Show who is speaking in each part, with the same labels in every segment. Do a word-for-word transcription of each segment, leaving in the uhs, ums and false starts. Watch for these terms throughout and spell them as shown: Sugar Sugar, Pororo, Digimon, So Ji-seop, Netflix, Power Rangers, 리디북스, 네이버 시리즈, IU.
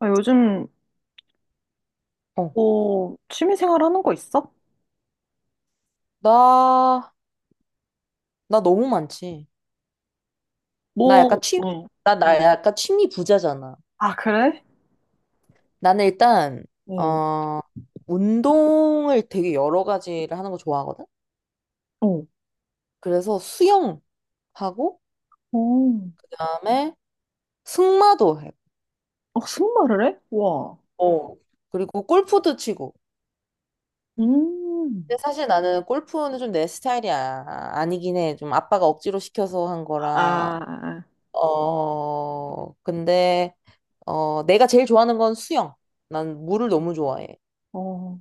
Speaker 1: 아, 요즘 뭐 취미 생활 하는 거 있어? 뭐, 응, 아, 그래? 응, 응. 어, 어, 승마를 해? 와. 음, 아, 어.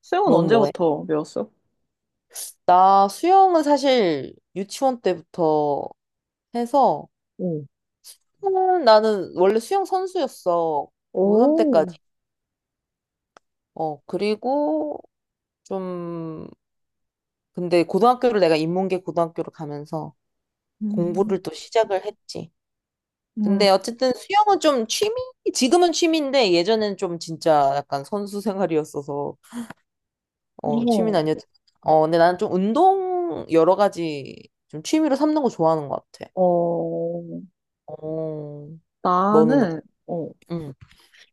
Speaker 1: 수영은 언제부터 배웠어? 응. 오, 음, 음, 어. 어, 나는, 어,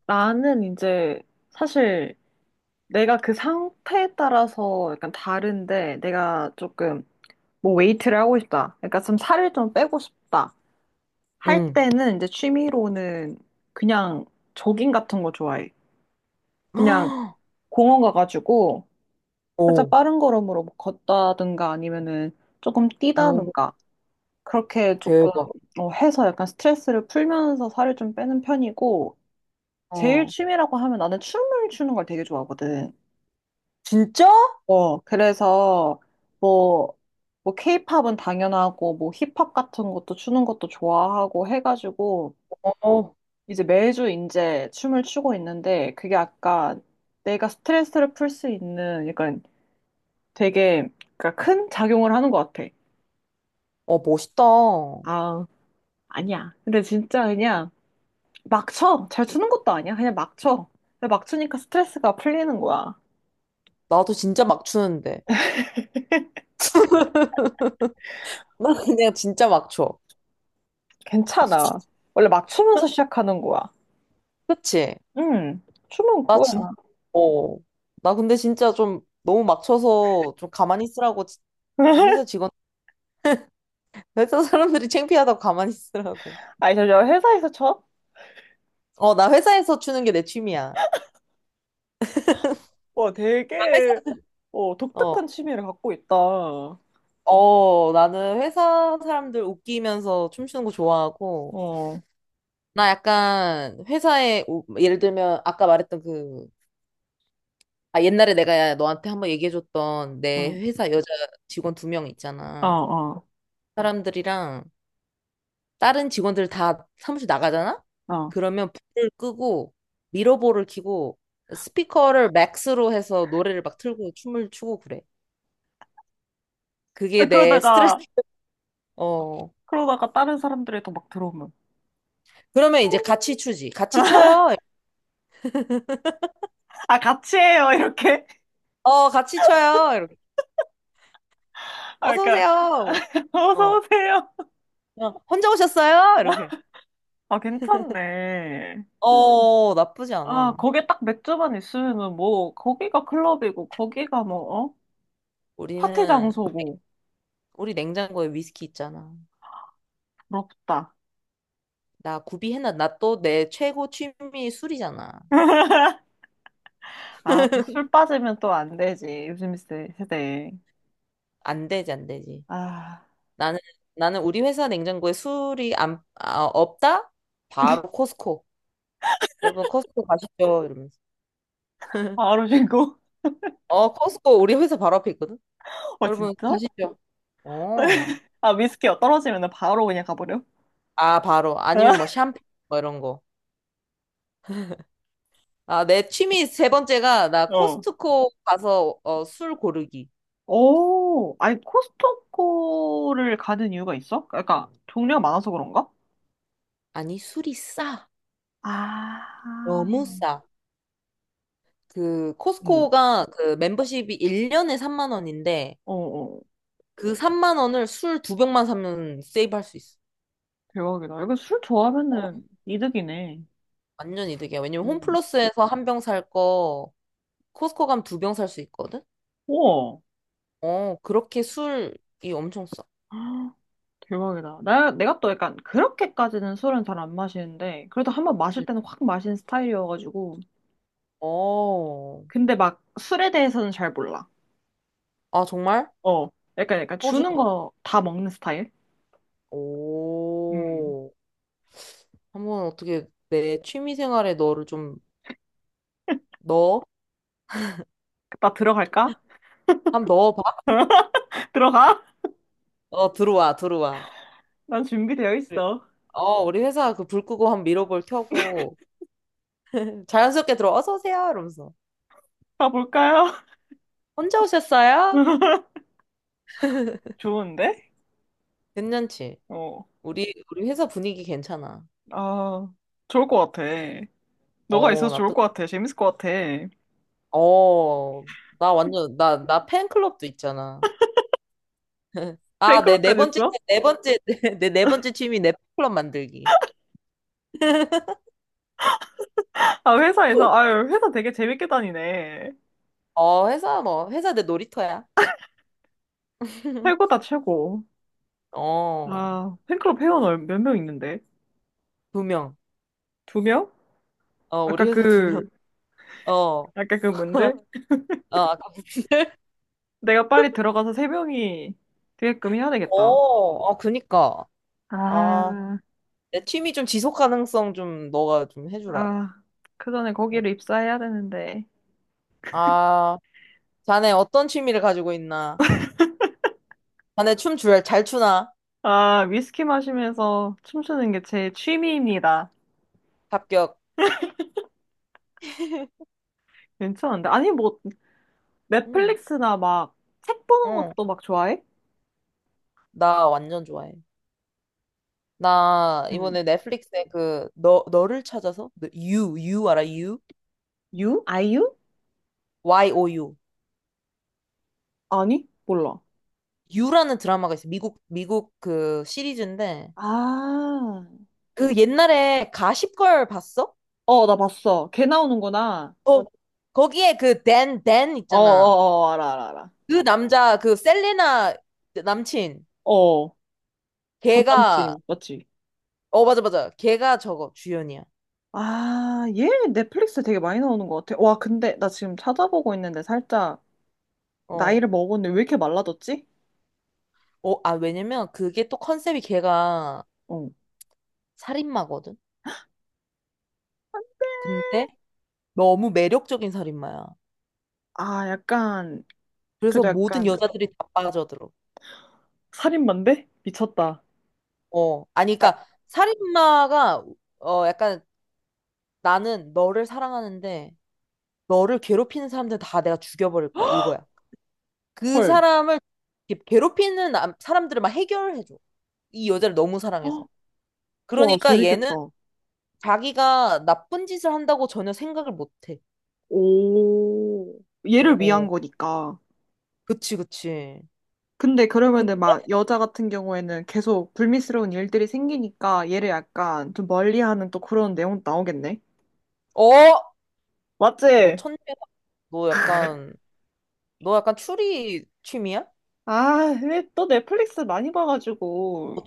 Speaker 1: 나는 이제 사실 내가 그 상태에 따라서 약간 다른데 내가 조금 뭐 웨이트를 하고 싶다. 그러니까 좀 살을 좀 빼고 싶다. 할 때는 이제 취미로는 그냥 조깅 같은 거 좋아해. 그냥 공원 가가지고 살짝 빠른 걸음으로 뭐 걷다든가 아니면은 조금 뛰다든가 그렇게 조금 어, 해서 약간 스트레스를 풀면서 살을 좀 빼는 편이고 제일 취미라고 하면 나는 춤을 추는 걸 되게 좋아하거든. 어, 그래서 뭐, 뭐 케이팝은 당연하고 뭐 힙합 같은 것도 추는 것도 좋아하고 해가지고 이제 매주 이제 춤을 추고 있는데 그게 아까 내가 스트레스를 풀 수 있는 약간 되게 그러니까 큰 작용을 하는 것 같아. 아, 아니야. 근데 진짜 그냥 막 쳐. 잘 추는 것도 아니야. 그냥 막 쳐. 근데 막 추니까 스트레스가 풀리는 거야. 괜찮아. 원래 막 추면서 시작하는 거야. 응. 춤은 그거야. 아니, 저, 저 회사에서 쳐? 와, 되게, 어, 독특한 취미를 갖고 있다. 어, 응, 어, 어, 어. 아, 그러다가, 그러다가 다른 사람들이 또 막 들어오면, 아, 같이 해요, 이렇게. 아, 그러니까, 어서 오세요. 아, 괜찮네. 아, 거기에 딱 맥주만 있으면은 뭐, 거기가 클럽이고, 거기가 뭐, 어? 파티 장소고, 부럽다. 아, 또 술 빠지면 또 안 되지. 요즘 세- 세대. 아, 바로 신고. 어, 진짜? 아, 위스키가 떨어지면 바로 그냥 가버려? 어. 오, 아니, 코스트코를 가는 이유가 있어? 그러니까, 종류가 많아서 그런가? 아, 응. 어, 어. 대박이다. 이거 술 좋아하면은 이득이네. 응. 우와, 대박이다. 나, 내가 또 약간 그렇게까지는 술은 잘 안 마시는데, 그래도 한번 마실 때는 확 마신 스타일이어가지고. 근데 막 술에 대해서는 잘 몰라. 어, 약간, 약간 주는 거 다 먹는 스타일? 음. 나 들어갈까? 들어가? 난 준비되어 있어. 가볼까요? 좋은데? 어, 아, 좋을 것 같아. 너가 있어서 좋을 것 같아. 재밌을 것 같아. 뱅클럽까지 했어? 아, 회사에서? 아유, 회사 되게 재밌게 다니네. 최고다, 최고. 아, 팬클럽 회원 몇 명 있는데? 두 명? 아까 그, 아까 그 분들? 내가 빨리 들어가서 세 명이 되게끔 해야 되겠다. 아, 아, 그 전에 거기를 입사해야 되는데. 아, 위스키 마시면서 춤추는 게 제 취미입니다. 괜찮은데. 아니, 뭐, 넷플릭스나 막, 책 보는 것도 막 좋아해? 응. 유? 아이유? 아니, 몰라. 아, 어, 나 봤어. 걔 나오는구나. 어, 어, 어, 어, 알아, 알아, 알아. 어, 전 남친, 맞지? 아, 얘 넷플릭스 되게 많이 나오는 것 같아. 와, 근데 나 지금 찾아보고 있는데 살짝 나이를 먹었는데 왜 이렇게 말라졌지? 어. 아, 약간, 그래도 약간 살인마인데? 미쳤다. 아, 헐. 헉, 와, 재밌겠다. 오, 얘를 위한 거니까. 근데 그러면은 막 여자 같은 경우에는 계속 불미스러운 일들이 생기니까 얘를 약간 좀 멀리하는 또 그런 내용 나오겠네. 맞지? 아, 근데 또 넷플릭스 많이 봐가지고.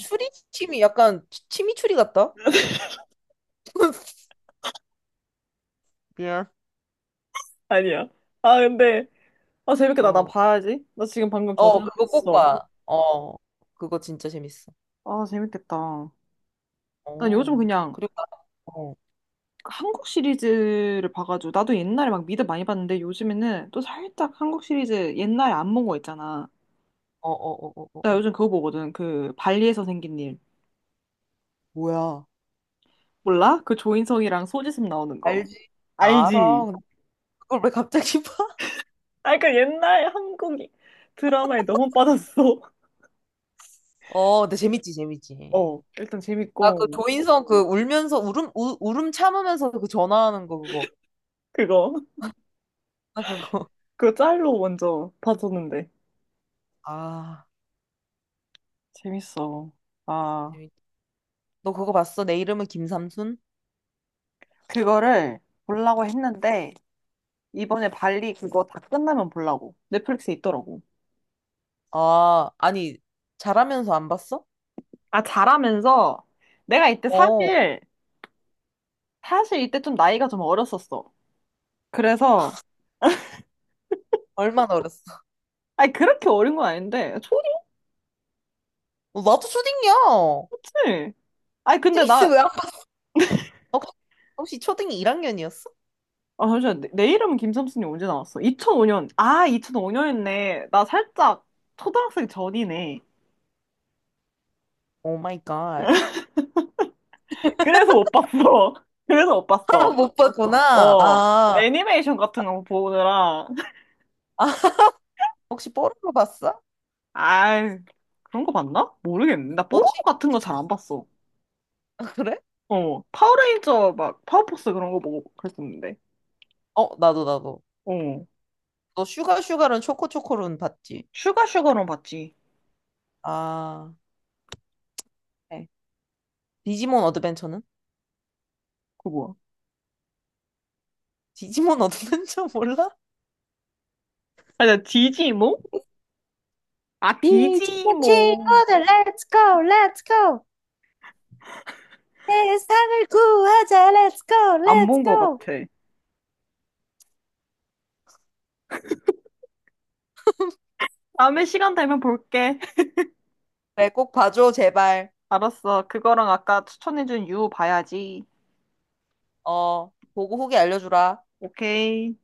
Speaker 1: 아니야. 아, 근데, 아, 재밌겠다. 나 봐야지. 나 지금 방금 저장을 했어. 아, 재밌겠다. 난 요즘 그냥 한국 시리즈를 봐가지고 나도 옛날에 막 미드 많이 봤는데 요즘에는 또 살짝 한국 시리즈 옛날에 안 본 거 있잖아. 나 요즘 그거 보거든. 그 발리에서 생긴 일. 몰라? 그 조인성이랑 소지섭 나오는 거. 알지? 아, 그 옛날 한국 드라마에 너무 빠졌어. 어, 일단 재밌고 그거. 그거 짤로 먼저 봐줬는데 재밌어. 아, 그거를 보려고 했는데 이번에 발리 그거 다 끝나면 보려고. 넷플릭스에 있더라고. 아, 잘하면서 내가 이때 사실, 사실 이때 좀 나이가 좀 어렸었어. 그래서, 아니, 그렇게 어린 건 아닌데, 초딩이지? 아니, 근데 나, 아, 잠시만, 내, 내 이름은 김삼순이 언제 나왔어? 이천오 년. 아, 이천오 년이네. 나 살짝 초등학생 전이네. 그래서 못 봤어. 그래서 못 봤어. 어, 애니메이션 같은 거 보느라. 아이, 그런 거 봤나? 모르겠네. 나 뽀로로 같은 거 잘 안 봤어. 어, 파워레인저 막 파워포스 그런 거 보고 그랬었는데. 어. 슈가 슈가는 봤지. 그거 뭐야? 아, 나 디지몽? 아,
Speaker 2: 이 친구
Speaker 1: 디지몽.
Speaker 2: 친구들 let's go let's go 세상을 구하자 let's go
Speaker 1: 안
Speaker 2: let's
Speaker 1: 본 것
Speaker 2: go
Speaker 1: 같아. 다음에 시간 되면 볼게. 알았어. 그거랑 아까 추천해준 유 봐야지. 오케이.